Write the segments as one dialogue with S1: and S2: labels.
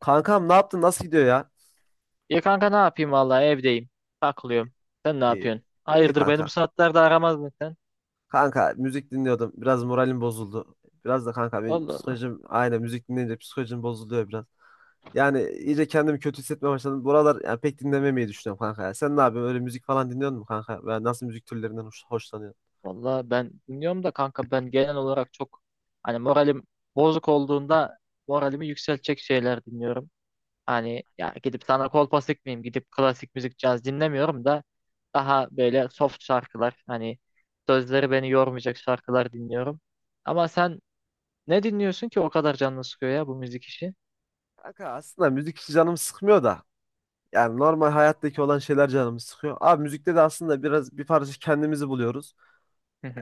S1: Kankam ne yaptın? Nasıl gidiyor ya?
S2: Ya kanka ne yapayım vallahi evdeyim. Takılıyorum. Sen ne
S1: İyi.
S2: yapıyorsun?
S1: İyi
S2: Hayırdır beni bu
S1: kanka.
S2: saatlerde aramazdın sen.
S1: Kanka müzik dinliyordum. Biraz moralim bozuldu. Biraz da kanka benim
S2: Allah Allah.
S1: psikolojim aynen müzik dinleyince psikolojim bozuluyor biraz. Yani iyice kendimi kötü hissetmeye başladım. Buralar yani pek dinlememeyi düşünüyorum kanka ya. Sen ne yapıyorsun? Öyle müzik falan dinliyor musun kanka? Veya nasıl müzik türlerinden hoşlanıyorsun?
S2: Vallahi ben dinliyorum da kanka ben genel olarak çok hani moralim bozuk olduğunda moralimi yükseltecek şeyler dinliyorum. Hani ya gidip sana kolpa sıkmayayım gidip klasik müzik caz dinlemiyorum da daha böyle soft şarkılar hani sözleri beni yormayacak şarkılar dinliyorum. Ama sen ne dinliyorsun ki o kadar canını sıkıyor ya bu müzik işi?
S1: Kanka aslında müzik hiç canımı sıkmıyor da. Yani normal hayattaki olan şeyler canımı sıkıyor. Abi müzikte de aslında biraz bir parça kendimizi buluyoruz.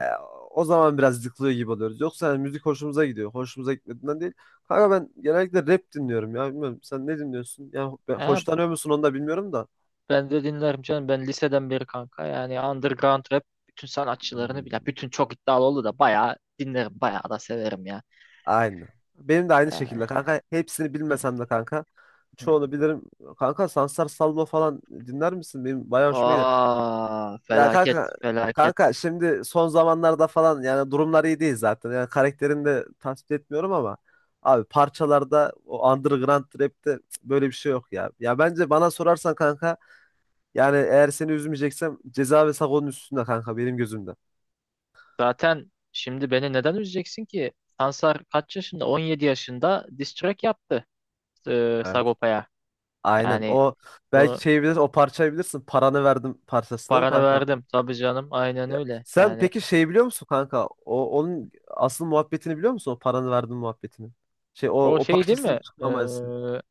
S1: E, o zaman biraz yıkılıyor gibi oluyoruz. Yoksa yani müzik hoşumuza gidiyor. Hoşumuza gitmediğinden değil. Kanka ben genellikle rap dinliyorum ya. Bilmiyorum sen ne dinliyorsun? Yani
S2: Ha,
S1: hoşlanıyor musun onu da bilmiyorum da.
S2: ben de dinlerim canım. Ben liseden beri kanka. Yani underground rap bütün sanatçılarını
S1: Hmm.
S2: bile. Bütün çok iddialı oldu da bayağı dinlerim. Bayağı da severim ya.
S1: Aynı. Benim de aynı
S2: Yani.
S1: şekilde kanka. Hepsini bilmesem de kanka. Çoğunu bilirim. Kanka Sansar Salvo falan dinler misin? Benim bayağı hoşuma gider.
S2: Aa,
S1: Ya
S2: felaket
S1: kanka
S2: felaket.
S1: kanka şimdi son zamanlarda falan yani durumlar iyi değil zaten. Yani karakterini de tasvip etmiyorum ama abi parçalarda o underground rap'te böyle bir şey yok ya. Ya bence bana sorarsan kanka yani eğer seni üzmeyeceksem Ceza ve Sago'nun üstünde kanka benim gözümde.
S2: Zaten şimdi beni neden üzeceksin ki? Sansar kaç yaşında? 17 yaşında diss track yaptı
S1: Evet.
S2: Sagopa'ya.
S1: Aynen.
S2: Yani
S1: O belki
S2: bunu
S1: şey bilir, o parçayı bilirsin. Paranı verdim parçasını, değil mi
S2: paranı
S1: kanka?
S2: verdim. Tabii canım aynen öyle.
S1: Sen
S2: Yani
S1: peki şey biliyor musun kanka? O onun asıl muhabbetini biliyor musun? O paranı verdim muhabbetini. Şey o
S2: o
S1: o
S2: şey değil mi?
S1: parçasını çıkmaması.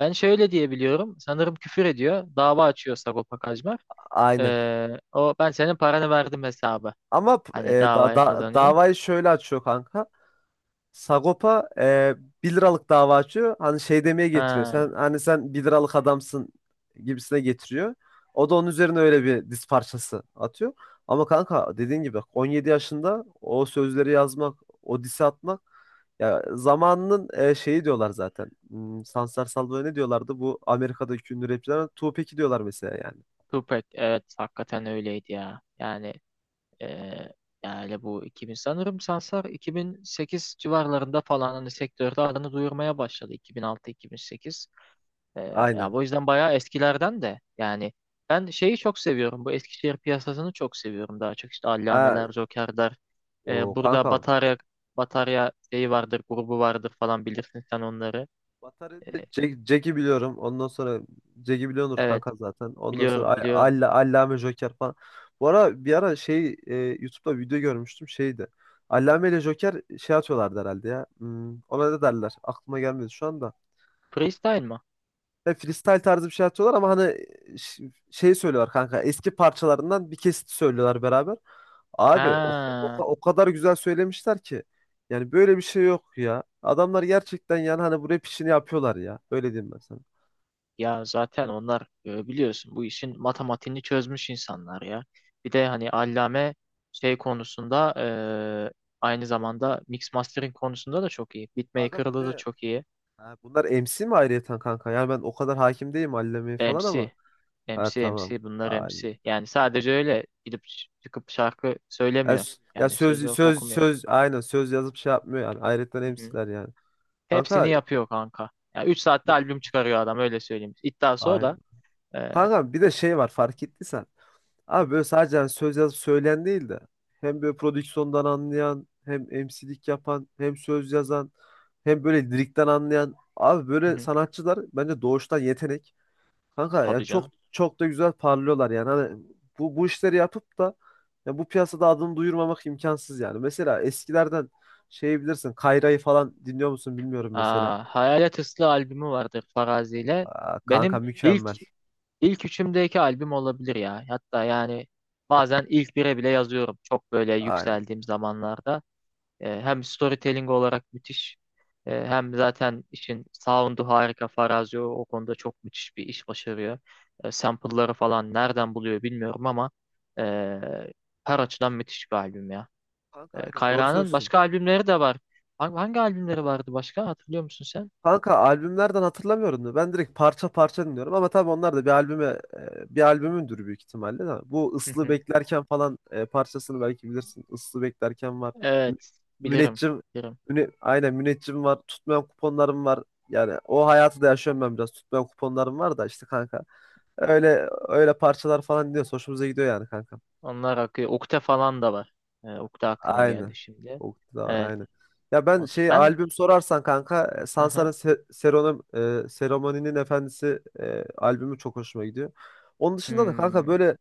S2: Ben şöyle diye biliyorum. Sanırım küfür ediyor. Dava açıyor Sagopa Kajmer.
S1: Aynen.
S2: O ben senin paranı verdim hesabı.
S1: Ama
S2: Hani davayı kazanıyor.
S1: davayı şöyle açıyor kanka. Sagopa 1 liralık dava açıyor. Hani şey demeye getiriyor.
S2: Ha,
S1: Sen hani sen 1 liralık adamsın gibisine getiriyor. O da onun üzerine öyle bir diz parçası atıyor. Ama kanka dediğin gibi 17 yaşında o sözleri yazmak, o disi atmak ya zamanının şeyi diyorlar zaten. Sansar Salvo'ya ne diyorlardı? Bu Amerika'daki ünlü rapçilere Tupac'i diyorlar mesela yani.
S2: Tupac evet hakikaten öyleydi ya. Yani ee, yani bu 2000 sanırım Sansar 2008 civarlarında falan hani sektörde adını duyurmaya başladı 2006-2008. Ya
S1: Aynen.
S2: bu yüzden bayağı eskilerden de yani ben şeyi çok seviyorum. Bu Eskişehir piyasasını çok seviyorum daha çok. İşte
S1: Aa,
S2: Allameler, Joker'ler.
S1: o
S2: Burada
S1: kankam.
S2: Batarya şeyi vardır, grubu vardır falan bilirsin sen onları.
S1: Batarya'da
S2: Ee,
S1: Jack'i biliyorum. Ondan sonra Jack'i biliyordur
S2: evet,
S1: kanka zaten. Ondan sonra
S2: biliyorum,
S1: Ay-
S2: biliyorum.
S1: Alla, Allame Joker falan. Bu ara bir ara YouTube'da video görmüştüm şeydi. Allame ile Joker şey atıyorlardı herhalde ya. Ona ne derler? Aklıma gelmedi şu anda.
S2: Freestyle mı?
S1: Ya freestyle tarzı bir şey atıyorlar ama hani şey söylüyorlar kanka. Eski parçalarından bir kesit söylüyorlar beraber. Abi o, o,
S2: Ha,
S1: o kadar güzel söylemişler ki yani böyle bir şey yok ya. Adamlar gerçekten yani hani bu rap işini yapıyorlar ya. Öyle diyeyim ben sana.
S2: ya zaten onlar biliyorsun bu işin matematiğini çözmüş insanlar ya. Bir de hani Allame şey konusunda e, aynı zamanda mix mastering konusunda da çok iyi.
S1: Kanka bir
S2: Beatmaker'da da
S1: de
S2: çok iyi.
S1: ha, bunlar MC mi ayrıyeten kanka? Yani ben o kadar hakim değilim Allame'ye falan ama.
S2: MC.
S1: Ha,
S2: MC
S1: tamam.
S2: MC bunlar
S1: Aynen.
S2: MC. Yani sadece öyle gidip çıkıp şarkı
S1: Ya,
S2: söylemiyor.
S1: s- ya
S2: Yani söz
S1: söz
S2: yok
S1: söz
S2: okumuyor.
S1: söz aynen söz yazıp şey yapmıyor yani. Ayrıyeten
S2: Hı hı.
S1: MC'ler yani.
S2: Hepsini
S1: Kanka
S2: yapıyor kanka. Yani 3 saatte albüm çıkarıyor adam öyle söyleyeyim. İddiası o
S1: aynen.
S2: da. Ee,
S1: Kanka bir de şey var fark ettiysen. Abi böyle sadece hani söz yazıp söyleyen değil de hem böyle prodüksiyondan anlayan hem MC'lik yapan hem söz yazan hem böyle lirikten anlayan abi
S2: hı
S1: böyle
S2: hı.
S1: sanatçılar bence doğuştan yetenek. Kanka yani
S2: Tabii
S1: çok
S2: canım.
S1: çok da güzel parlıyorlar yani. Hani bu işleri yapıp da ya bu piyasada adını duyurmamak imkansız yani. Mesela eskilerden şey bilirsin Kayra'yı falan dinliyor musun bilmiyorum mesela.
S2: Aa, Hayalet Islı albümü vardır Farazi ile.
S1: Aa, kanka
S2: Benim ilk
S1: mükemmel.
S2: ilk üçümdeki albüm olabilir ya. Hatta yani bazen ilk bire bile yazıyorum. Çok böyle
S1: Aynen.
S2: yükseldiğim zamanlarda. Hem storytelling olarak müthiş. Hem zaten işin sound'u harika. Farazi o konuda çok müthiş bir iş başarıyor. Sample'ları falan nereden buluyor bilmiyorum ama e, her açıdan müthiş bir albüm ya.
S1: Kanka aynen doğru
S2: Kayra'nın
S1: söylüyorsun.
S2: başka albümleri de var. Hangi albümleri vardı başka? Hatırlıyor musun sen?
S1: Kanka albümlerden hatırlamıyorum da ben direkt parça parça dinliyorum ama tabii onlar da bir albümündür büyük ihtimalle de. Bu
S2: Hı
S1: Islı
S2: hı.
S1: Beklerken falan parçasını belki bilirsin. Islı Beklerken var. Mü-
S2: Evet, bilirim,
S1: Müneccim
S2: bilirim.
S1: müne, aynen Müneccim var. Tutmayan kuponlarım var. Yani o hayatı da yaşıyorum ben biraz. Tutmayan kuponlarım var da işte kanka. Öyle öyle parçalar falan dinliyoruz. Hoşumuza gidiyor yani kanka.
S2: Onlar akıyor. Ukde falan da var. Ukde aklıma
S1: Aynı,
S2: geldi şimdi.
S1: Oktu da var
S2: Evet,
S1: aynen. Ya ben şey
S2: ben
S1: albüm sorarsan kanka
S2: hı
S1: Sansar'ın
S2: hı.
S1: Seromani'nin Efendisi albümü çok hoşuma gidiyor. Onun dışında da kanka
S2: Hmm.
S1: böyle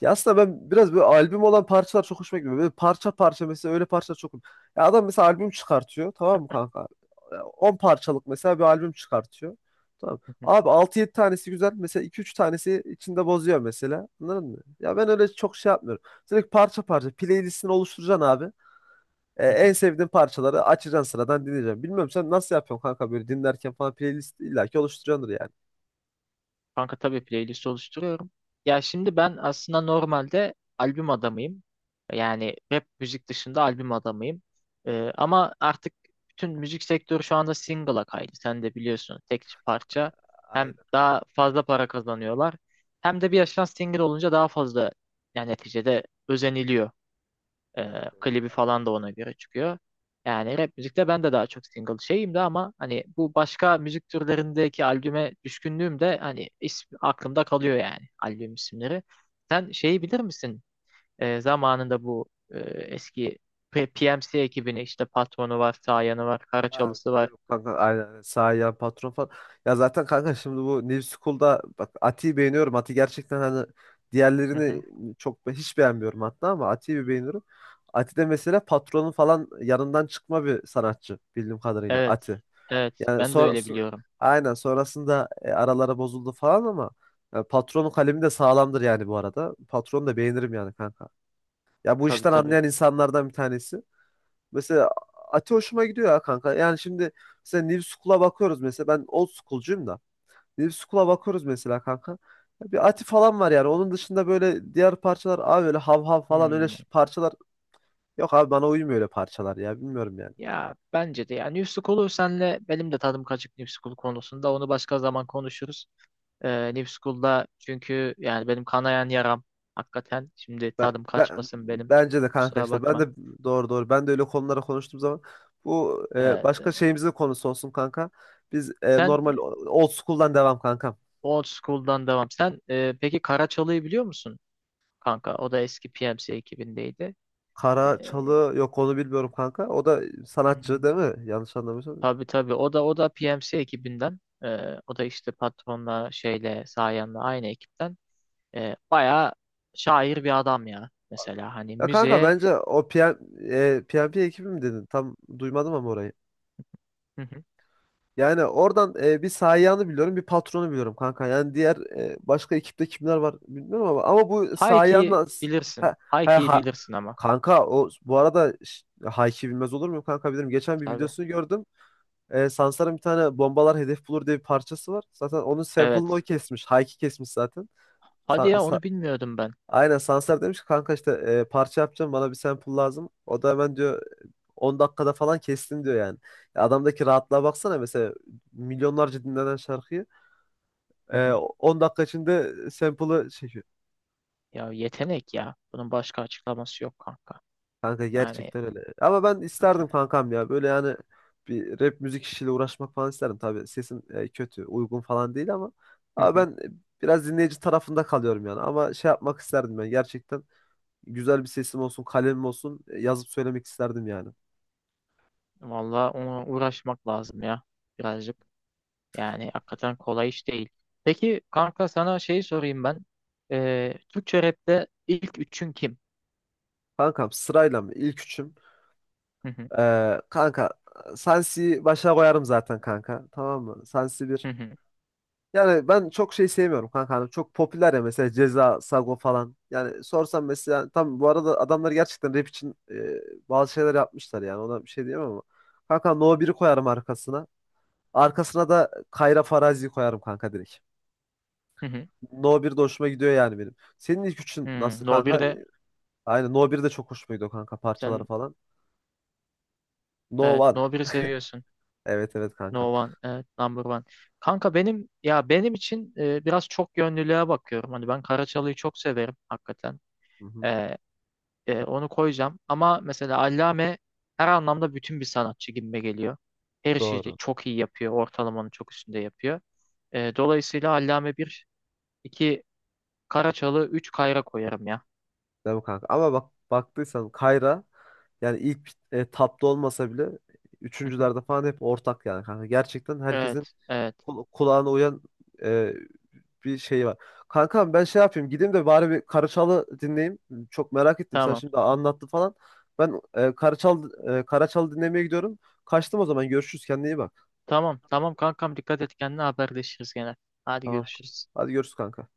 S1: ya aslında ben biraz böyle albüm olan parçalar çok hoşuma gidiyor. Böyle parça parça mesela öyle parça çok. Ya adam mesela albüm çıkartıyor, tamam mı kanka? E, 10 parçalık mesela bir albüm çıkartıyor. Tamam. Abi altı yedi tanesi güzel. Mesela iki üç tanesi içinde bozuyor mesela. Anladın mı? Ya ben öyle çok şey yapmıyorum. Direkt parça parça playlistini oluşturacaksın abi. E, en sevdiğin parçaları açacaksın sıradan dinleyeceksin. Bilmiyorum sen nasıl yapıyorsun kanka böyle dinlerken falan playlist illaki oluşturuyordur yani.
S2: Kanka tabii playlist oluşturuyorum. Ya şimdi ben aslında normalde albüm adamıyım. Yani rap müzik dışında albüm adamıyım. Ama artık bütün müzik sektörü şu anda single'a kaydı. Sen de biliyorsun tek parça. Hem
S1: Aynen,
S2: daha fazla para kazanıyorlar. Hem de bir yaştan single olunca daha fazla yani neticede özeniliyor.
S1: evet, evet.
S2: Klibi falan da ona göre çıkıyor. Yani rap müzikte ben de daha çok single şeyim de ama hani bu başka müzik türlerindeki albüme düşkünlüğüm de hani ismi, aklımda kalıyor yani albüm isimleri. Sen şeyi bilir misin? Zamanında bu eski PMC ekibini işte Patron'u var, Sayan'ı var,
S1: Abi,
S2: Karaçalısı var.
S1: biliyorum kanka, aynen, aynen. Sağ yan patron falan. Ya zaten kanka şimdi bu New School'da bak Ati'yi beğeniyorum. Ati gerçekten hani
S2: Hı
S1: diğerlerini
S2: hı.
S1: hiç beğenmiyorum hatta ama Ati'yi bir beğeniyorum. Ati de mesela patronun falan yanından çıkma bir sanatçı bildiğim kadarıyla
S2: Evet.
S1: Ati.
S2: Evet.
S1: Yani
S2: Ben de
S1: sonra
S2: öyle biliyorum.
S1: aynen sonrasında araları bozuldu falan ama patronun kalemi de sağlamdır yani bu arada. Patronu da beğenirim yani kanka. Ya bu
S2: Tabii
S1: işten
S2: tabii.
S1: anlayan insanlardan bir tanesi. Mesela Ati hoşuma gidiyor ya kanka. Yani şimdi mesela New School'a bakıyoruz mesela. Ben old school'cuyum da. New School'a bakıyoruz mesela kanka. Ya bir Ati falan var yani. Onun dışında böyle diğer parçalar abi öyle hav hav falan öyle
S2: Hmm.
S1: parçalar. Yok abi bana uymuyor öyle parçalar ya. Bilmiyorum yani.
S2: Ya bence de yani New School'u senle benim de tadım kaçık New School konusunda onu başka zaman konuşuruz. New School'da çünkü yani benim kanayan yaram hakikaten. Şimdi
S1: Ben,
S2: tadım
S1: ben-
S2: kaçmasın benim.
S1: bence de kanka
S2: Kusura
S1: işte ben de
S2: bakma.
S1: doğru doğru ben de öyle konulara konuştuğum zaman bu
S2: Evet.
S1: başka şeyimizin konusu olsun kanka. Biz
S2: Sen
S1: normal old school'dan devam kankam.
S2: Old School'dan devam. Sen peki Karaçalı'yı biliyor musun kanka? O da eski PMC ekibindeydi.
S1: Kara
S2: Ee,
S1: Çalı yok, onu bilmiyorum kanka. O da sanatçı
S2: hmm,
S1: değil mi? Yanlış anlamıyorsam.
S2: tabii tabii. O da PMC ekibinden. O da işte patronla şeyle Sayan'la aynı ekipten. Bayağı şair bir adam ya. Mesela hani
S1: Ya kanka
S2: müziğe.
S1: bence o PM, PMP ekibi mi dedin? Tam duymadım ama orayı.
S2: Hı hı.
S1: Yani oradan bir Sayan'ı biliyorum, bir patronu biliyorum kanka. Yani diğer başka ekipte kimler var bilmiyorum ama bu
S2: Hayki
S1: Sayan'la
S2: bilirsin.
S1: ha, ha,
S2: Hayki'yi
S1: ha-
S2: bilirsin ama.
S1: kanka o bu arada Hayki bilmez olur muyum kanka, bilirim. Geçen bir
S2: Tabii.
S1: videosunu gördüm. E, Sansar'ın bir tane bombalar hedef bulur diye bir parçası var. Zaten onun sample'ını o
S2: Evet.
S1: kesmiş. Hayki kesmiş zaten.
S2: Hadi ya onu bilmiyordum ben.
S1: Aynen Sansar demiş ki kanka işte parça yapacağım, bana bir sample lazım. O da hemen diyor 10 dakikada falan kestim diyor yani. Ya adamdaki rahatlığa baksana, mesela milyonlarca dinlenen şarkıyı
S2: Hı
S1: e,
S2: hı.
S1: 10 dakika içinde sample'ı çekiyor.
S2: Ya yetenek ya. Bunun başka açıklaması yok kanka.
S1: Kanka
S2: Yani
S1: gerçekten öyle. Ama ben
S2: hakikaten.
S1: isterdim kankam ya böyle yani bir rap müzik işiyle uğraşmak falan isterdim. Tabii sesim kötü uygun falan değil ama
S2: Hı
S1: ama
S2: hı.
S1: ben biraz dinleyici tarafında kalıyorum yani. Ama şey yapmak isterdim ben, gerçekten güzel bir sesim olsun, kalemim olsun yazıp söylemek isterdim yani.
S2: Vallahi ona uğraşmak lazım ya. Birazcık. Yani hakikaten kolay iş değil. Peki kanka sana şeyi sorayım ben. Türkçe rapte ilk üçün kim?
S1: Kankam sırayla mı? İlk üçüm.
S2: Hı hı.
S1: Kanka Sansi'yi başa koyarım zaten kanka. Tamam mı? Sansi bir.
S2: Hı hı.
S1: Yani ben çok şey sevmiyorum kanka. Hani çok popüler ya mesela Ceza, Sago falan. Yani sorsam mesela yani tam bu arada adamlar gerçekten rap için bazı şeyler yapmışlar yani. Ona bir şey diyemem ama. Kanka No 1'i koyarım arkasına. Arkasına da Kayra Farazi'yi koyarım kanka direkt.
S2: Hı hı.
S1: No 1 de hoşuma gidiyor yani benim. Senin ilk üçün nasıl
S2: No
S1: kanka?
S2: 1'de
S1: Aynen No 1 de çok hoşuma gidiyor kanka parçaları
S2: sen
S1: falan.
S2: evet,
S1: No 1.
S2: No 1'i seviyorsun.
S1: Evet, evet kanka.
S2: No One, evet, Number One. Kanka benim ya benim için biraz çok yönlülüğe bakıyorum. Hani ben Karaçalı'yı çok severim hakikaten.
S1: Hı hı.
S2: Ee, Onu koyacağım. Ama mesela Allame her anlamda bütün bir sanatçı gibime geliyor. Her şeyi de
S1: Doğru.
S2: çok iyi yapıyor. Ortalamanın çok üstünde yapıyor. Dolayısıyla Allame bir 2 Karaçalı, 3 Kayra koyarım ya.
S1: Değil mi kanka? Ama bak baktıysan Kayra yani ilk tapta olmasa bile
S2: Hı hı.
S1: üçüncülerde falan hep ortak yani kanka. Gerçekten herkesin
S2: Evet, evet.
S1: kulağına uyan e, bir şey var. Kankam ben şey yapayım gideyim de bari bir Karaçal'ı dinleyeyim. Çok merak ettim sen
S2: Tamam.
S1: şimdi anlattın falan. Ben Karaçal'ı dinlemeye gidiyorum. Kaçtım o zaman, görüşürüz, kendine iyi bak.
S2: Tamam, tamam kankam dikkat et kendine haberleşiriz gene. Hadi
S1: Tamam.
S2: görüşürüz.
S1: Hadi görüşürüz kanka.